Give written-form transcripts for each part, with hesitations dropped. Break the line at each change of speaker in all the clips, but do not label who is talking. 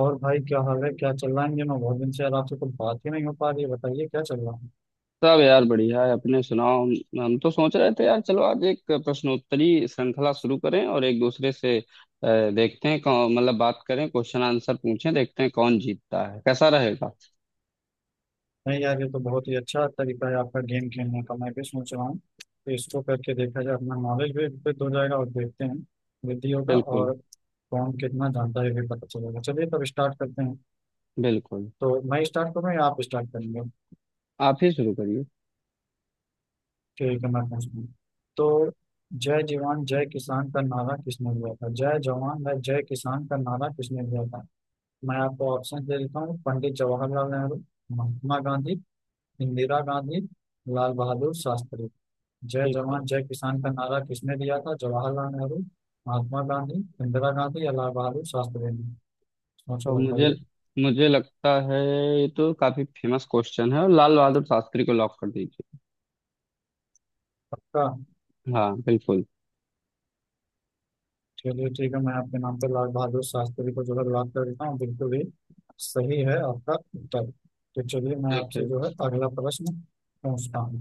और भाई क्या हाल है, क्या चल रहा है इन दिनों? बहुत दिन से यार आपसे कुछ बात ही नहीं हो पा रही है। बताइए क्या चल रहा है।
सब यार बढ़िया है। अपने सुनाओ। हम तो सोच रहे थे यार, चलो आज एक प्रश्नोत्तरी श्रृंखला शुरू करें और एक दूसरे से देखते हैं कौन, मतलब बात करें, क्वेश्चन आंसर पूछें, देखते हैं कौन जीतता है। कैसा रहेगा?
नहीं यार, ये तो बहुत ही अच्छा तरीका है आपका गेम खेलने का। मैं भी सोच रहा हूँ कि इसको करके देखा जाए, अपना नॉलेज भी वृद्ध हो जाएगा और देखते हैं वृद्धि होगा।
बिल्कुल,
और कौन कितना जानता है ये भी पता चलेगा। चलिए तब स्टार्ट करते हैं।
बिल्कुल।
तो मैं स्टार्ट करूँ या आप स्टार्ट करेंगे?
आप ही शुरू करिए।
ठीक है, मैं पूछता हूँ। तो जय जवान जय किसान का नारा किसने दिया था? जय जवान या जय किसान का नारा किसने दिया था? मैं आपको ऑप्शन दे देता हूँ। पंडित जवाहरलाल नेहरू, महात्मा गांधी, इंदिरा गांधी, लाल बहादुर शास्त्री। जय
ठीक है।
जवान जय किसान का नारा किसने दिया था? जवाहरलाल नेहरू, महात्मा गांधी, इंदिरा गांधी या लाल बहादुर शास्त्री ने? सोच के
तो मुझे
बताइए।
मुझे लगता है ये तो काफी फेमस क्वेश्चन है, और लाल बहादुर शास्त्री को लॉक कर दीजिए।
पक्का?
हाँ बिल्कुल।
चलिए ठीक है, मैं आपके नाम पर लाल बहादुर शास्त्री को जो है लॉक कर देता हूँ। बिल्कुल ही सही है आपका उत्तर। तो चलिए मैं
ठीक
आपसे
है।
जो है अगला प्रश्न पूछता हूँ।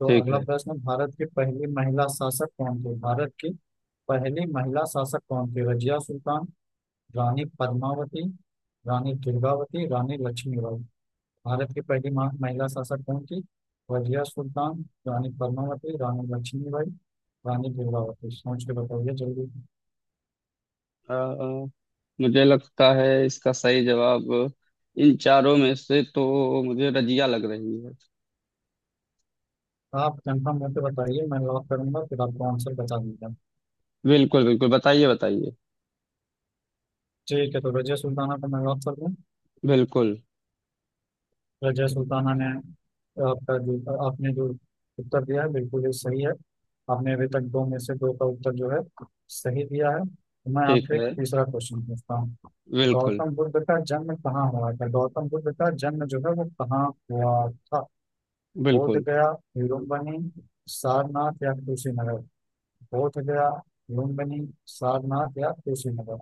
तो
ठीक
अगला
है।
प्रश्न, भारत की पहली महिला शासक कौन थी? भारत की पहली महिला शासक कौन थी? रजिया सुल्तान, रानी पद्मावती, रानी दुर्गावती, रानी लक्ष्मीबाई। भारत की महिला शासक कौन थी? रजिया सुल्तान, रानी पद्मावती, रानी लक्ष्मीबाई, रानी दुर्गावती। सोच के बताइए जल्दी।
अ, मुझे लगता है इसका सही जवाब, इन चारों में से तो मुझे रजिया लग रही है।
आप कंफर्म होकर बताइए, मैं लॉक करूंगा फिर आपको आंसर बता दूंगा।
बिल्कुल बिल्कुल, बताइए बताइए।
ठीक है, तो रजिया सुल्ताना को मैं लॉक कर दूं?
बिल्कुल।
रजिया सुल्ताना ने। आपका जो, आपने जो उत्तर दिया है बिल्कुल ही सही है। आपने अभी तक दो में से दो का उत्तर जो है सही दिया है। तो मैं
ठीक
आपसे एक
है।
तीसरा क्वेश्चन पूछता हूँ।
बिल्कुल
गौतम बुद्ध का जन्म कहाँ हुआ था? गौतम बुद्ध का जन्म जो है वो कहाँ हुआ था? बोध
बिल्कुल।
गया, लुम्बिनी, सारनाथ या कुशीनगर? बोध गया, लुम्बिनी, सारनाथ या कुशीनगर?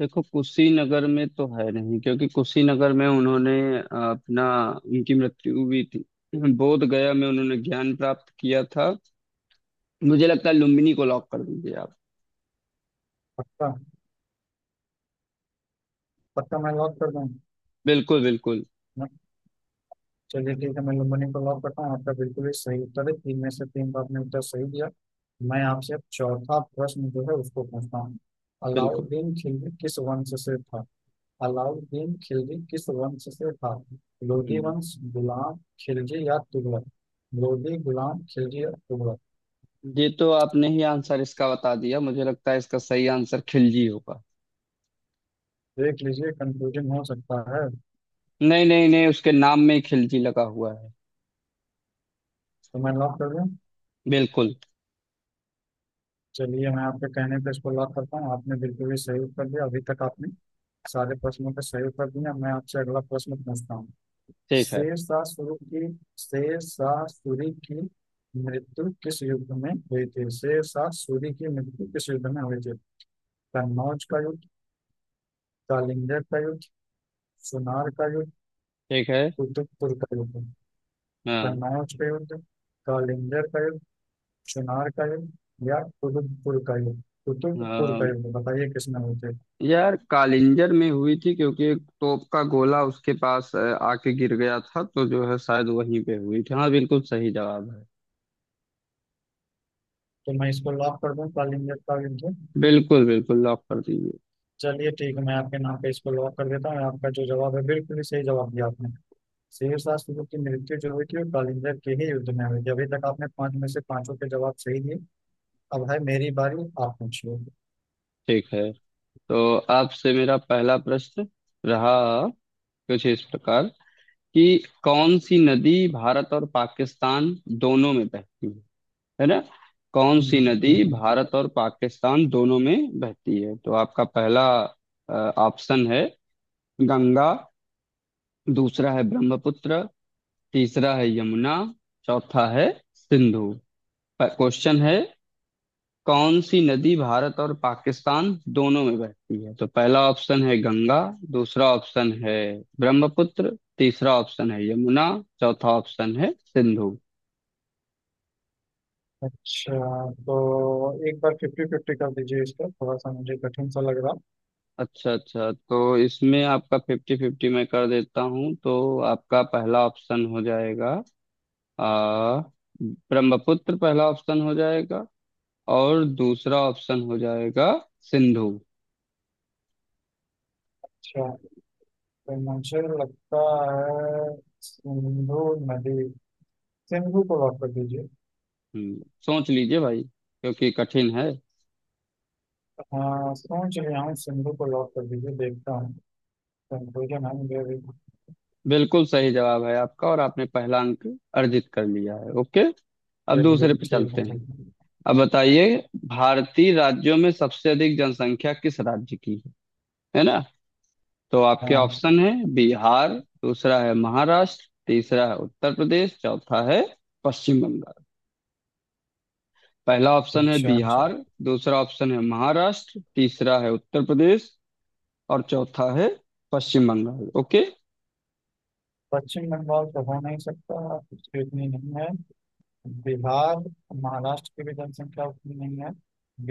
देखो कुशीनगर में तो है नहीं, क्योंकि कुशीनगर में उन्होंने अ, अपना उनकी मृत्यु हुई थी। बोध गया में उन्होंने ज्ञान प्राप्त किया था। मुझे लगता है लुम्बिनी को लॉक कर दीजिए आप।
पक्का? पक्का मैं लॉक कर दूँ?
बिल्कुल बिल्कुल।
चलिए ठीक है, मैं लुम्बिनी को लॉक करता हूँ। आपका बिल्कुल ही सही उत्तर है। तीन में से तीन का आपने उत्तर सही दिया। मैं आपसे अब चौथा प्रश्न जो है उसको पूछता हूँ।
बिल्कुल।
अलाउद्दीन खिलजी किस वंश से था? अलाउद्दीन खिलजी किस वंश से था? लोधी
हम्म,
वंश, गुलाम, खिलजी या तुगलक? लोधी, गुलाम, खिलजी या तुगलक?
ये तो आपने ही आंसर इसका बता दिया। मुझे लगता है इसका सही आंसर खिलजी होगा।
देख लीजिए, कंफ्यूजन हो सकता है। तो
नहीं नहीं नहीं, उसके नाम में ही खिलजी लगा हुआ है।
मैं लॉक कर दूं?
बिल्कुल।
चलिए, मैं आपके कहने पे इसको लॉक करता हूँ। आपने बिल्कुल ही सही उत्तर दिया। अभी तक आपने सारे प्रश्नों का सही उत्तर दिया। मैं आपसे अगला प्रश्न पूछता हूँ।
ठीक है।
शेषासुर की, शेषासुरी की मृत्यु किस युद्ध में हुई थी? शेषासुरी की मृत्यु किस युद्ध में हुई थी? कन्नौज का युद्ध, कालिंगर का युद्ध, सुनार का युद्ध,
ठीक है।
कुतुबपुर का युद्ध।
हाँ।
कन्नौज का युद्ध, कालिंगर का युद्ध, सुनार का युद्ध या कुतुबपुर का युद्ध? कुतुबपुर का
हाँ
युद्ध, बताइए किसमें हुए थे।
यार, कालिंजर में हुई थी, क्योंकि एक तोप का गोला उसके पास आके गिर गया था, तो जो है शायद वहीं पे हुई थी। हाँ बिल्कुल सही जवाब है।
तो मैं इसको लॉक कर दूं, कालिंगर का युद्ध?
बिल्कुल बिल्कुल, लॉक कर दीजिए।
चलिए ठीक है, मैं आपके नाम पे इसको लॉक कर देता हूँ। आपका जो जवाब है बिल्कुल ही सही जवाब दिया आपने। शेष राष्ट्र युद्ध की मृत्यु जो हुई थी वो कलिंगर के ही युद्ध में हुई थी। अभी तक आपने पांच में से पांचों के जवाब सही दिए। अब है मेरी बारी, आप पूछिए।
ठीक है। तो आपसे मेरा पहला प्रश्न रहा कुछ इस प्रकार कि कौन सी नदी भारत और पाकिस्तान दोनों में बहती है ना? कौन सी नदी
हम्म,
भारत और पाकिस्तान दोनों में बहती है? तो आपका पहला ऑप्शन है गंगा, दूसरा है ब्रह्मपुत्र, तीसरा है यमुना, चौथा है सिंधु। क्वेश्चन है कौन सी नदी भारत और पाकिस्तान दोनों में बहती है? तो पहला ऑप्शन है गंगा, दूसरा ऑप्शन है ब्रह्मपुत्र, तीसरा ऑप्शन है यमुना, चौथा ऑप्शन है सिंधु।
अच्छा, तो एक बार फिफ्टी फिफ्टी कर दीजिए इसका, थोड़ा सा मुझे कठिन सा लग रहा।
अच्छा अच्छा, तो इसमें आपका फिफ्टी फिफ्टी मैं कर देता हूँ। तो आपका पहला ऑप्शन हो जाएगा आ, ब्रह्मपुत्र, पहला ऑप्शन हो जाएगा, और दूसरा ऑप्शन हो जाएगा सिंधु।
अच्छा, तो मुझे लगता है सिंधु नदी, सिंधु को लॉक कर दीजिए।
हम्म, सोच लीजिए भाई, क्योंकि कठिन है।
हाँ, सोच रहा हूँ, सिंधु को लॉक कर दीजिए, देखता हूँ। कंफ्यूजन है मुझे अभी।
बिल्कुल सही जवाब है आपका और आपने पहला अंक अर्जित कर लिया है। ओके। अब
चलिए
दूसरे पे
ठीक
चलते
है,
हैं।
ठीक है।
अब बताइए भारतीय राज्यों में सबसे अधिक जनसंख्या किस राज्य की है ना? तो आपके
हाँ,
ऑप्शन है बिहार, दूसरा है महाराष्ट्र, तीसरा है उत्तर प्रदेश, चौथा है पश्चिम बंगाल। पहला ऑप्शन है
अच्छा अच्छा।
बिहार, दूसरा ऑप्शन है महाराष्ट्र, तीसरा है उत्तर प्रदेश, और चौथा है पश्चिम बंगाल। ओके।
पश्चिम बंगाल तो हो नहीं सकता, उसकी उतनी नहीं है। बिहार, महाराष्ट्र की भी जनसंख्या उतनी नहीं है।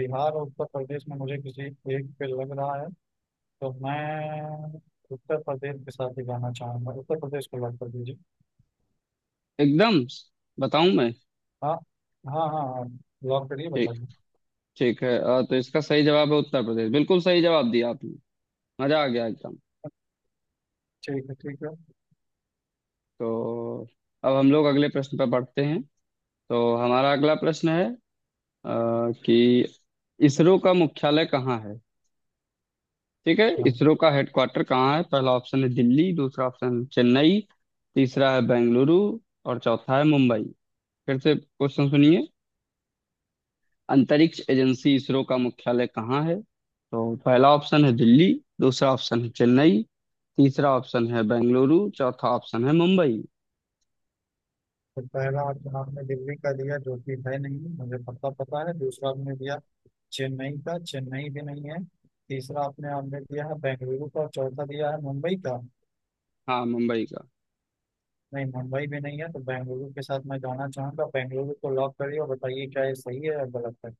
बिहार और उत्तर प्रदेश में मुझे किसी एक पे लग रहा है। तो मैं उत्तर प्रदेश के साथ ही जाना चाहूंगा, उत्तर प्रदेश को लॉक कर दीजिए।
एकदम। बताऊं मैं?
हाँ। हाँ हाँ हाँ, लॉक करिए,
ठीक,
बताइए।
ठीक है। तो इसका सही जवाब है उत्तर प्रदेश। बिल्कुल सही जवाब दिया आपने, मजा आ गया एकदम।
ठीक है, ठीक है।
तो अब हम लोग अगले प्रश्न पर बढ़ते हैं। तो हमारा अगला प्रश्न है कि इसरो का मुख्यालय कहाँ है। ठीक है,
चलो,
इसरो का हेडक्वार्टर कहाँ है? पहला ऑप्शन है दिल्ली, दूसरा ऑप्शन है चेन्नई, तीसरा है बेंगलुरु, और चौथा है मुंबई। फिर से क्वेश्चन सुनिए। अंतरिक्ष एजेंसी इसरो का मुख्यालय कहाँ है? तो पहला ऑप्शन है दिल्ली, दूसरा ऑप्शन है चेन्नई, तीसरा ऑप्शन है बेंगलुरु, चौथा ऑप्शन है मुंबई।
तो पहला ऑप्शन आपने दिल्ली का दिया जो कि है नहीं, मुझे पता पता है। दूसरा आपने दिया चेन्नई का, चेन्नई भी नहीं है। तीसरा आपने आपने दिया है बेंगलुरु का, और चौथा दिया है मुंबई का।
हाँ मुंबई का।
नहीं, मुंबई भी नहीं है। तो बेंगलुरु के साथ मैं जाना चाहूंगा, बेंगलुरु को लॉक करिए और बताइए क्या ये सही है या गलत है।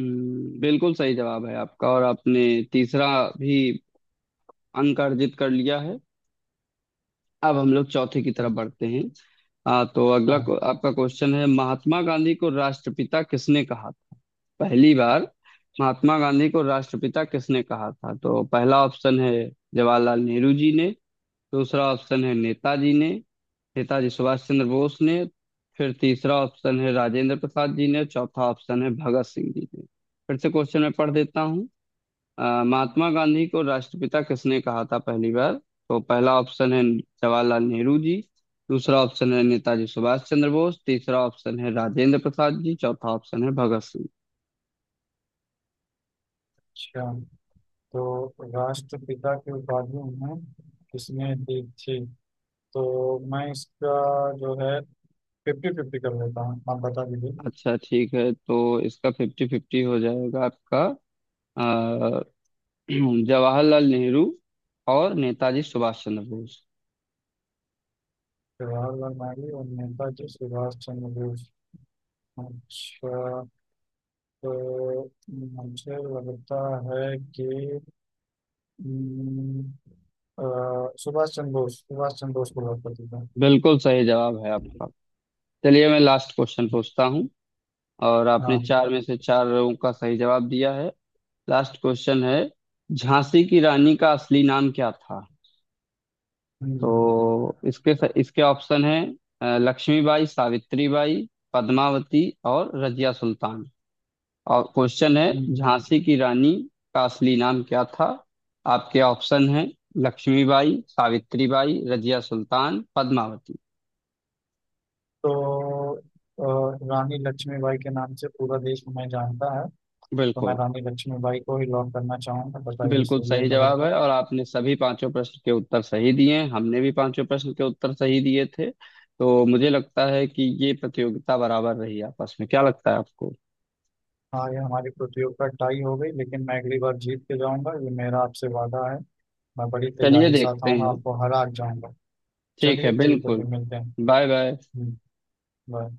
बिल्कुल सही जवाब है आपका और आपने तीसरा भी अंक अर्जित कर लिया है। अब हम लोग चौथे की तरफ बढ़ते हैं। हाँ तो
अच्छा,
आपका क्वेश्चन है महात्मा गांधी को राष्ट्रपिता किसने कहा था पहली बार? महात्मा गांधी को राष्ट्रपिता किसने कहा था? तो पहला ऑप्शन है जवाहरलाल नेहरू जी ने, दूसरा ऑप्शन है नेताजी ने, नेताजी सुभाष चंद्र बोस ने, फिर तीसरा ऑप्शन है राजेंद्र प्रसाद जी ने, चौथा ऑप्शन है भगत सिंह जी ने। फिर से क्वेश्चन मैं पढ़ देता हूँ। महात्मा गांधी को राष्ट्रपिता किसने कहा था पहली बार? तो पहला ऑप्शन है जवाहरलाल नेहरू जी, दूसरा ऑप्शन है नेताजी सुभाष चंद्र बोस, तीसरा ऑप्शन है राजेंद्र प्रसाद जी, चौथा ऑप्शन है भगत सिंह।
तो राष्ट्रपिता की उपाधि में किसने दी थी? तो मैं इसका जो है फिफ्टी फिफ्टी कर लेता हूँ, आप बता दीजिए।
अच्छा ठीक है, तो इसका फिफ्टी फिफ्टी हो जाएगा आपका। अ, जवाहरलाल नेहरू और नेताजी सुभाष चंद्र बोस।
जवाहरलाल नेहरू और नेताजी सुभाष चंद्र बोस। अच्छा, तो मुझे लगता है कि हम्म, अ, सुभाष चंद्र बोस को लॉक कर देता हूँ।
बिल्कुल सही जवाब है आपका। चलिए मैं लास्ट क्वेश्चन पूछता हूँ, और आपने चार
हाँ।
में से चारों का सही जवाब दिया है। लास्ट क्वेश्चन है झांसी की रानी का असली नाम क्या था?
हम्म,
तो इसके इसके ऑप्शन है लक्ष्मीबाई, सावित्रीबाई, पद्मावती और रजिया सुल्तान। और क्वेश्चन है
हम्म।
झांसी की रानी का असली नाम क्या था? आपके ऑप्शन है लक्ष्मीबाई, सावित्रीबाई, रजिया सुल्तान, पद्मावती।
तो अ, रानी लक्ष्मीबाई के नाम से पूरा देश मैं जानता है। तो मैं
बिल्कुल।
रानी लक्ष्मीबाई को ही लॉक करना चाहूंगा, बताइए
बिल्कुल
सही है
सही जवाब
गलत है।
है, और आपने सभी पांचों प्रश्न के उत्तर सही दिए हैं। हमने भी पांचों प्रश्न के उत्तर सही दिए थे, तो मुझे लगता है कि ये प्रतियोगिता बराबर रही आपस में। क्या लगता है आपको?
हाँ, ये हमारी प्रतियोगिता टाई हो गई, लेकिन मैं अगली बार जीत के जाऊंगा, ये मेरा आपसे वादा है। मैं बड़ी
चलिए
तैयारी के साथ
देखते
आऊंगा,
हैं।
आपको हरा के जाऊंगा।
ठीक है
चलिए ठीक है, फिर
बिल्कुल।
मिलते हैं।
Bye bye.
हम्म। बाय।